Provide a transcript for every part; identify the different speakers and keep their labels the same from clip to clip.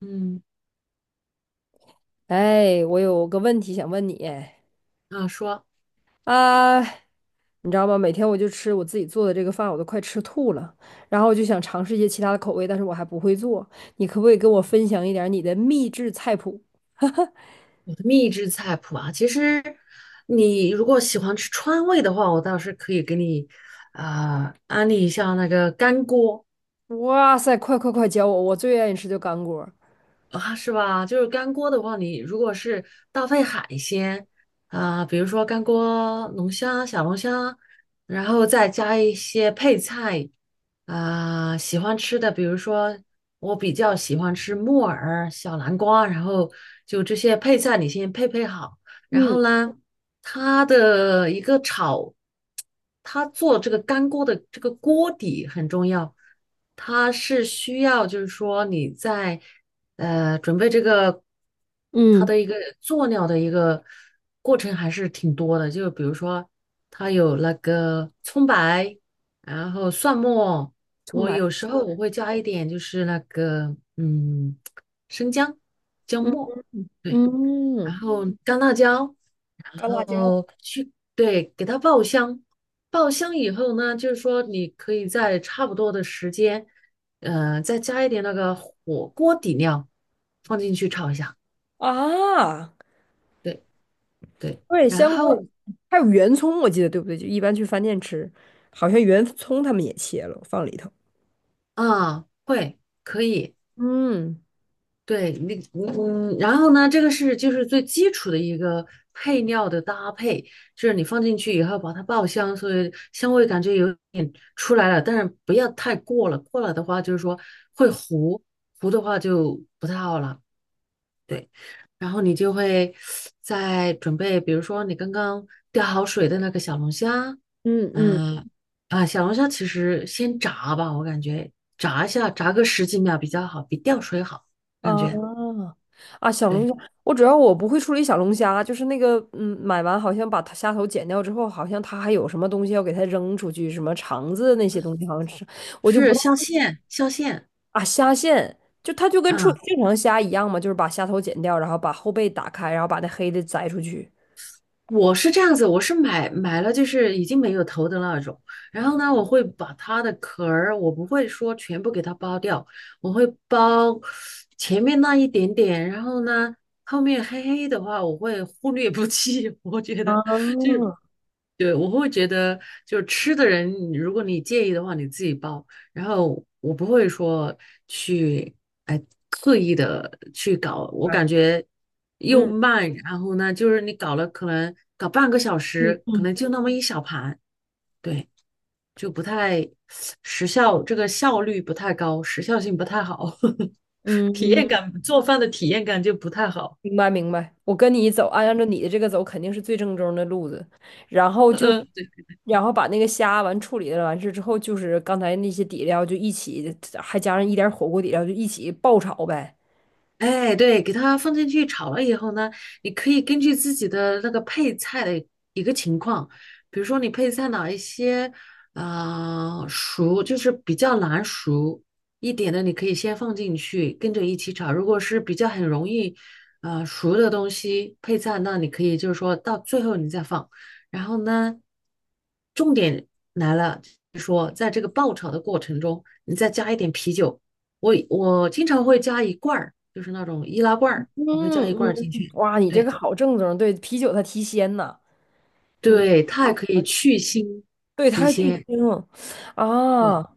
Speaker 1: 嗯，
Speaker 2: 哎，我有个问题想问你。
Speaker 1: 啊，说
Speaker 2: 啊，你知道吗？每天我就吃我自己做的这个饭，我都快吃吐了。然后我就想尝试一些其他的口味，但是我还不会做。你可不可以跟我分享一点儿你的秘制菜谱？
Speaker 1: 我的秘制菜谱啊，其实你如果喜欢吃川味的话，我倒是可以给你啊安利一下那个干锅
Speaker 2: 哇塞，快快快教我！我最愿意吃就干锅儿。
Speaker 1: 啊，是吧？就是干锅的话，你如果是搭配海鲜啊、比如说干锅龙虾、小龙虾，然后再加一些配菜啊、喜欢吃的，比如说我比较喜欢吃木耳、小南瓜，然后就这些配菜你先配配好。然
Speaker 2: 嗯
Speaker 1: 后呢，它的一个炒，它做这个干锅的这个锅底很重要，它是需要就是说你在准备这个它
Speaker 2: 嗯。
Speaker 1: 的一个做料的一个过程还是挺多的，就比如说它有那个葱白，然后蒜末，
Speaker 2: 葱
Speaker 1: 我
Speaker 2: 白。
Speaker 1: 有时候我会加一点就是那个生姜姜
Speaker 2: 嗯
Speaker 1: 末。对，然
Speaker 2: 嗯。
Speaker 1: 后干辣椒，然
Speaker 2: 干辣椒。
Speaker 1: 后去，对，给它爆香，爆香以后呢，就是说你可以在差不多的时间，再加一点那个火锅底料放进去炒一下，
Speaker 2: 啊，
Speaker 1: 对对，
Speaker 2: 对，
Speaker 1: 然
Speaker 2: 香锅儿。
Speaker 1: 后
Speaker 2: 还有圆葱，我记得对不对？就一般去饭店吃，好像圆葱他们也切了，放里头。
Speaker 1: 啊，会可以，
Speaker 2: 嗯
Speaker 1: 对，那然后呢，这个是就是最基础的一个配料的搭配，就是你放进去以后把它爆香，所以香味感觉有点出来了，但是不要太过了，过了的话就是说会糊，糊的话就不太好了。对，然后你就会再准备，比如说你刚刚吊好水的那个小龙虾，
Speaker 2: 嗯嗯。
Speaker 1: 嗯啊，小龙虾其实先炸吧，我感觉炸一下，炸个十几秒比较好，比吊水好，感觉。
Speaker 2: 啊啊，小龙
Speaker 1: 对，
Speaker 2: 虾，我主要我不会处理小龙虾，就是那个买完好像把它虾头剪掉之后，好像它还有什么东西要给它扔出去，什么肠子那些东西好像是，我就不
Speaker 1: 是
Speaker 2: 太
Speaker 1: 镶
Speaker 2: 会。
Speaker 1: 嵌，镶嵌，
Speaker 2: 啊，虾线就它就跟处理
Speaker 1: 嗯，
Speaker 2: 正常虾一样嘛，就是把虾头剪掉，然后把后背打开，然后把那黑的摘出去。
Speaker 1: 我是这样子，我是买了就是已经没有头的那种，然后呢，我会把它的壳儿，我不会说全部给它剥掉，我会剥前面那一点点，然后呢，后面黑黑的话，我会忽略不计，我觉
Speaker 2: 啊，
Speaker 1: 得对，我会觉得，就是吃的人，如果你介意的话，你自己包。然后我不会说去，哎，刻意的去搞。我感
Speaker 2: 哎，
Speaker 1: 觉又
Speaker 2: 嗯
Speaker 1: 慢，然后呢，就是你搞了可能搞半个小时，可能
Speaker 2: 嗯
Speaker 1: 就那么一小盘，对，就不太时效，这个效率不太高，时效性不太好，
Speaker 2: 嗯
Speaker 1: 体
Speaker 2: 嗯。
Speaker 1: 验感，做饭的体验感就不太好。
Speaker 2: 明白明白，我跟你走，按照你的这个走，肯定是最正宗的路子。然后 就，
Speaker 1: 嗯
Speaker 2: 然后把那个虾完处理了完事之后，就是刚才那些底料就一起，还加上一点火锅底料，就一起爆炒呗。
Speaker 1: 哎，对，给它放进去炒了以后呢，你可以根据自己的那个配菜的一个情况，比如说你配菜哪一些，啊熟就是比较难熟一点的，你可以先放进去跟着一起炒。如果是比较很容易，啊熟的东西配菜，那你可以就是说到最后你再放。然后呢，重点来了，就是说在这个爆炒的过程中，你再加一点啤酒。我经常会加一罐儿，就是那种易拉罐
Speaker 2: 嗯
Speaker 1: 儿，我会加一罐儿进
Speaker 2: 嗯，
Speaker 1: 去。
Speaker 2: 哇，你这个
Speaker 1: 对
Speaker 2: 好正宗。对，啤酒它提鲜呐。你
Speaker 1: 对，它还可以去腥
Speaker 2: 对，他它
Speaker 1: 提
Speaker 2: 还巨
Speaker 1: 鲜。
Speaker 2: 腥。
Speaker 1: 对，
Speaker 2: 啊！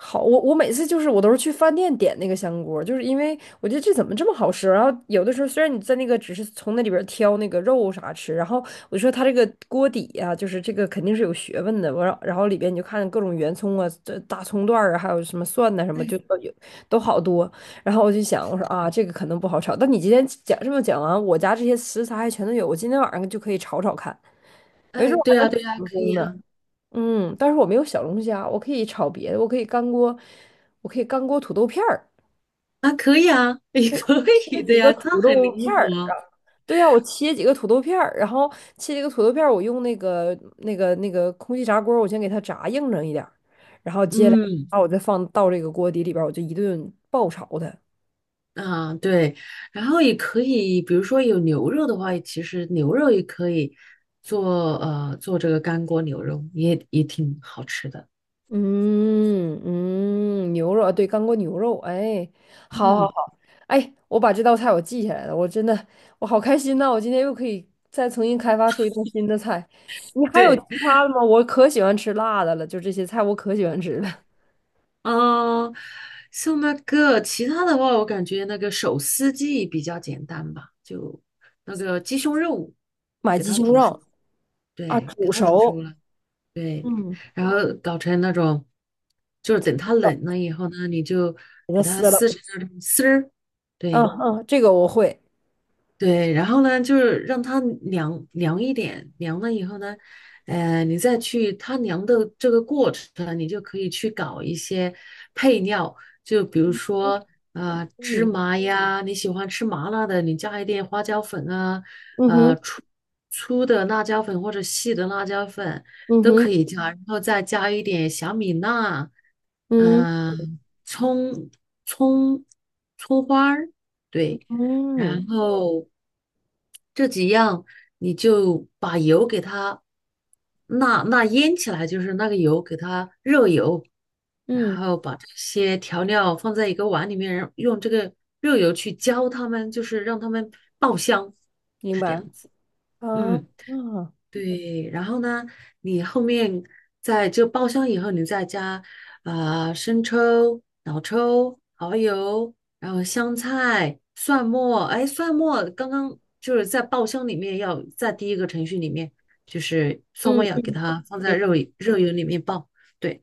Speaker 2: 好，我每次就是我都是去饭店点那个香锅，就是因为我觉得这怎么这么好吃。然后有的时候虽然你在那个只是从那里边儿挑那个肉啥吃，然后我说他这个锅底呀，就是这个肯定是有学问的。我然后里边你就看各种圆葱啊、这大葱段儿啊，还有什么蒜呐、什么，就
Speaker 1: 哎
Speaker 2: 都有，都好多。然后我就想，我说啊，这个可能不好炒。但你今天讲这么讲完，我家这些食材还全都有，我今天晚上就可以炒炒看，没准
Speaker 1: 哎，
Speaker 2: 儿我
Speaker 1: 对
Speaker 2: 还
Speaker 1: 呀
Speaker 2: 能
Speaker 1: 对呀，
Speaker 2: 成
Speaker 1: 可
Speaker 2: 功
Speaker 1: 以
Speaker 2: 呢。
Speaker 1: 啊
Speaker 2: 嗯，但是我没有小龙虾，我可以炒别的，我可以干锅，我可以干锅土豆片儿，
Speaker 1: 啊，可以啊，也 可
Speaker 2: 切
Speaker 1: 以的
Speaker 2: 几个
Speaker 1: 呀，它
Speaker 2: 土
Speaker 1: 很
Speaker 2: 豆
Speaker 1: 灵
Speaker 2: 片儿啊。
Speaker 1: 活。
Speaker 2: 对呀，我切几个土豆片儿，然后切几个土豆片儿，我用那个空气炸锅儿我先给它炸硬整一点儿，然后接下来
Speaker 1: 嗯
Speaker 2: 把我再放到这个锅底里边儿我就一顿爆炒它。
Speaker 1: 啊，对，然后也可以，比如说有牛肉的话，其实牛肉也可以做这个干锅牛肉，也挺好吃的。
Speaker 2: 嗯嗯，牛肉啊，对，干锅牛肉，哎，好好
Speaker 1: 嗯，
Speaker 2: 好。哎，我把这道菜我记下来了，我真的我好开心呐，我今天又可以再重新开发出一道新的菜。你还有其
Speaker 1: 对。
Speaker 2: 他的吗？我可喜欢吃辣的了，就这些菜我可喜欢吃了。
Speaker 1: 嗯，像那个其他的话，我感觉那个手撕鸡比较简单吧，就那个鸡胸肉
Speaker 2: 买
Speaker 1: 给
Speaker 2: 鸡
Speaker 1: 它
Speaker 2: 胸
Speaker 1: 煮熟，
Speaker 2: 肉。啊，
Speaker 1: 对，给
Speaker 2: 煮
Speaker 1: 它煮熟
Speaker 2: 熟。
Speaker 1: 了，对，
Speaker 2: 嗯，
Speaker 1: 然后搞成那种，就是等它冷了以后呢，你就
Speaker 2: 给它
Speaker 1: 给它
Speaker 2: 撕了。
Speaker 1: 撕成那种丝儿，
Speaker 2: 嗯
Speaker 1: 对，
Speaker 2: 嗯，这个我会。
Speaker 1: 对，然后呢，就是让它凉凉一点，凉了以后呢，你再去它凉的这个过程，你就可以去搞一些配料，就比如说芝
Speaker 2: 嗯。
Speaker 1: 麻呀，你喜欢吃麻辣的，你加一点花椒粉啊，
Speaker 2: 嗯哼。
Speaker 1: 粗粗的辣椒粉或者细的辣椒粉
Speaker 2: 嗯
Speaker 1: 都
Speaker 2: 哼。
Speaker 1: 可以加，然后再加一点小米辣，
Speaker 2: 嗯
Speaker 1: 嗯、葱葱葱花儿，对。
Speaker 2: 嗯。
Speaker 1: 然后这几样你就把油给它那腌起来，就是那个油给它热油，然
Speaker 2: 嗯，
Speaker 1: 后把这些调料放在一个碗里面，然后用这个热油去浇它们，就是让它们爆香，
Speaker 2: 明
Speaker 1: 是这
Speaker 2: 白
Speaker 1: 样子。
Speaker 2: 啊。啊，
Speaker 1: 嗯。
Speaker 2: 嗯
Speaker 1: 对，然后呢，你后面在这爆香以后，你再加啊、生抽、老抽、蚝油，然后香菜、蒜末。哎，蒜末刚刚就是在爆香里面要在第一个程序里面，就是蒜末
Speaker 2: 嗯。
Speaker 1: 要给它放在
Speaker 2: 明白。
Speaker 1: 肉油里面爆。对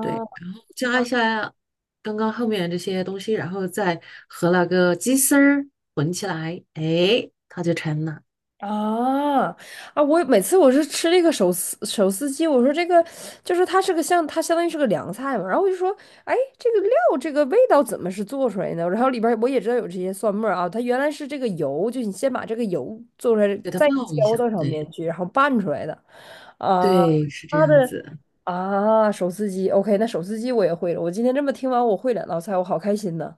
Speaker 1: 对，然后加一下刚刚后面这些东西，然后再和那个鸡丝儿混起来，哎，它就成了，
Speaker 2: 啊。啊！我每次我是吃这个手撕鸡，我说这个就是它是个像它相当于是个凉菜嘛，然后我就说，哎，这个料这个味道怎么是做出来的？然后里边儿我也知道有这些蒜末儿啊，它原来是这个油，就你先把这个油做出来，
Speaker 1: 给它
Speaker 2: 再
Speaker 1: 爆一
Speaker 2: 浇
Speaker 1: 下。
Speaker 2: 到上
Speaker 1: 对。
Speaker 2: 面去，然后拌出来的。啊。
Speaker 1: 对，是这
Speaker 2: 它
Speaker 1: 样
Speaker 2: 的
Speaker 1: 子。
Speaker 2: 啊手撕鸡，OK，那手撕鸡我也会了。我今天这么听完，我会两道菜，我好开心呢。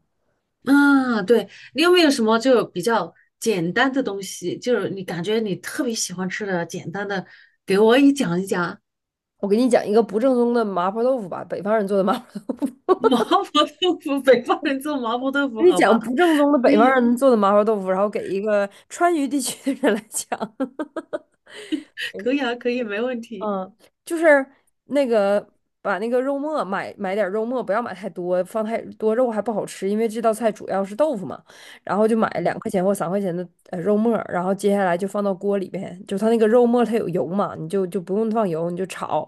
Speaker 1: 啊，对，你有没有什么就比较简单的东西，就是你感觉你特别喜欢吃的简单的，给我也讲一讲。
Speaker 2: 我给你讲一个不正宗的麻婆豆腐吧，北方人做的麻。
Speaker 1: 麻婆豆腐，北方人做麻婆豆腐，
Speaker 2: 你
Speaker 1: 好吧？
Speaker 2: 讲不正宗的
Speaker 1: 可
Speaker 2: 北方
Speaker 1: 以，
Speaker 2: 人做的麻婆豆腐，然后给一个川渝地区的人来讲。
Speaker 1: 可以啊，可以，没问题。
Speaker 2: 嗯，就是那个把那个肉末，买点儿肉末，不要买太多，放太多肉还不好吃，因为这道菜主要是豆腐嘛。然后就买
Speaker 1: 嗯
Speaker 2: 两块钱或三块钱的肉末儿，然后接下来就放到锅里边，就它那个肉末它有油嘛，你就就不用放油，你就炒，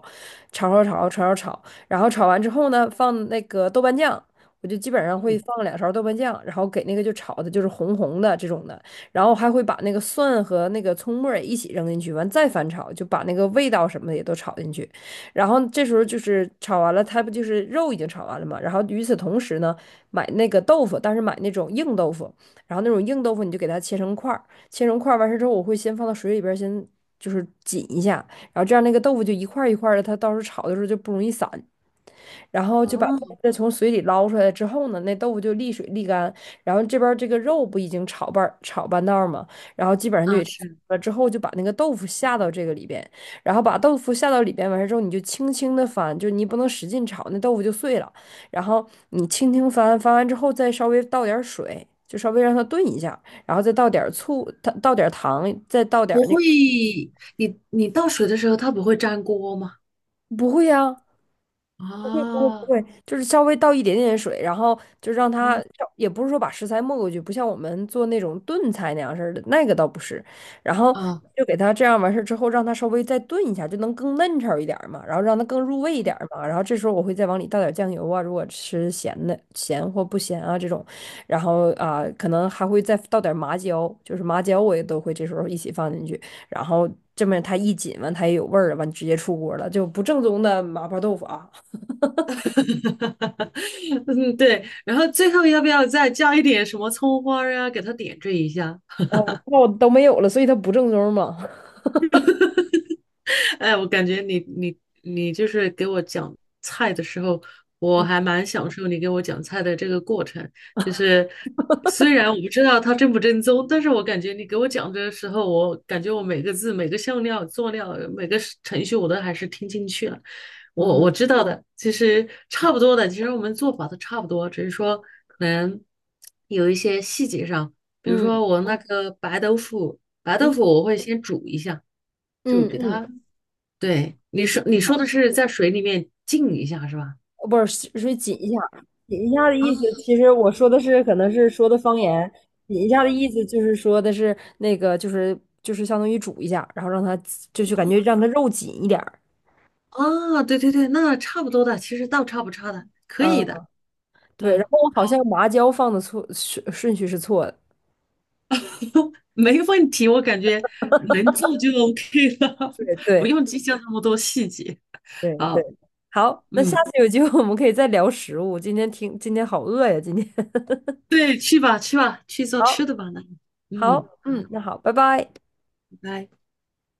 Speaker 2: 炒炒炒炒炒炒，然后炒完之后呢，放那个豆瓣酱。我就基本上会
Speaker 1: 嗯，
Speaker 2: 放两勺豆瓣酱，然后给那个就炒的就是红红的这种的。然后还会把那个蒜和那个葱末儿也一起扔进去，完再翻炒，就把那个味道什么的也都炒进去。然后这时候就是炒完了，它不就是肉已经炒完了嘛？然后与此同时呢，买那个豆腐，但是买那种硬豆腐，然后那种硬豆腐你就给它切成块儿，切成块儿完事之后，我会先放到水里边儿先就是紧一下，然后这样那个豆腐就一块儿一块儿的，它到时候炒的时候就不容易散。然后就把
Speaker 1: 哦，
Speaker 2: 豆子从水里捞出来之后呢，那豆腐就沥水沥干。然后这边儿这个肉不已经炒半儿炒半道儿嘛，然后基本上就
Speaker 1: 啊
Speaker 2: 也差不
Speaker 1: 是，
Speaker 2: 多了之后就把那个豆腐下到这个里边。然后把豆腐下到里边完事之后，你就轻轻的翻，就你不能使劲炒，那豆腐就碎了。然后你轻轻翻，翻完之后再稍微倒点儿水，就稍微让它炖一下，然后再倒点儿醋，它倒点儿糖，再倒点
Speaker 1: 不
Speaker 2: 儿那个。
Speaker 1: 会，你倒水的时候它不会粘锅吗？
Speaker 2: 不会呀，
Speaker 1: 啊
Speaker 2: 不会不
Speaker 1: 啊
Speaker 2: 会，就是稍微倒一点点水，然后就让它，也不是说把食材没过去，不像我们做那种炖菜那样似的，那个倒不是。然后
Speaker 1: 啊，
Speaker 2: 就给它这样完事儿之后，让它稍微再炖一下，就能更嫩炒一点儿嘛，然后让它更入味一点儿嘛。然后这时候我会再往里倒点酱油啊，如果吃咸的咸或不咸啊这种，然后啊、可能还会再倒点麻椒，就是麻椒我也都会这时候一起放进去，然后这么它一紧完它也有味儿了，完直接出锅了，就不正宗的麻婆豆腐啊。
Speaker 1: 嗯对，然后最后要不要再加一点什么葱花呀，给它点缀一下？
Speaker 2: 啊，那我都没有了，所以它不正宗嘛。
Speaker 1: 哎，我感觉你就是给我讲菜的时候，我还蛮享受你给我讲菜的这个过程。就是虽然我不知道它正不正宗，但是我感觉你给我讲的时候，我感觉我每个字、每个香料、佐料、每个是程序，我都还是听进去了。我
Speaker 2: 嗯
Speaker 1: 我知道的，其实差不多的，其实我们做法都差不多，只是说可能有一些细节上，比如
Speaker 2: 嗯
Speaker 1: 说我那个白豆腐，白豆腐
Speaker 2: 嗯
Speaker 1: 我会先煮一下。就
Speaker 2: 嗯
Speaker 1: 给
Speaker 2: 嗯。
Speaker 1: 它对，
Speaker 2: 水紧一
Speaker 1: 你
Speaker 2: 下，
Speaker 1: 说的是在水里面浸一下是吧？
Speaker 2: 不是水紧一下，紧一下的
Speaker 1: 啊
Speaker 2: 意思，其实我说的是可能是说的方言。紧一下的意思就是说的是那个就是就是相当于煮一下，然后让它就是感觉让它肉紧一点儿。
Speaker 1: 啊，对对对，那差不多的，其实倒差不差的，可以
Speaker 2: 嗯，
Speaker 1: 的，
Speaker 2: 对，然
Speaker 1: 嗯，
Speaker 2: 后我
Speaker 1: 好，
Speaker 2: 好像麻椒放的错顺序是错的。
Speaker 1: 没问题，我感觉能做就 OK 了，
Speaker 2: 对
Speaker 1: 不
Speaker 2: 对
Speaker 1: 用计较那么多细节。
Speaker 2: 对对，
Speaker 1: 好，
Speaker 2: 好，那下
Speaker 1: 嗯，
Speaker 2: 次有机会我们可以再聊食物，今天听今天好饿呀，今天
Speaker 1: 对，去吧去吧，去做
Speaker 2: 好。
Speaker 1: 吃的吧，那，嗯，
Speaker 2: 好，
Speaker 1: 好，
Speaker 2: 嗯，那好，拜拜。
Speaker 1: 拜拜。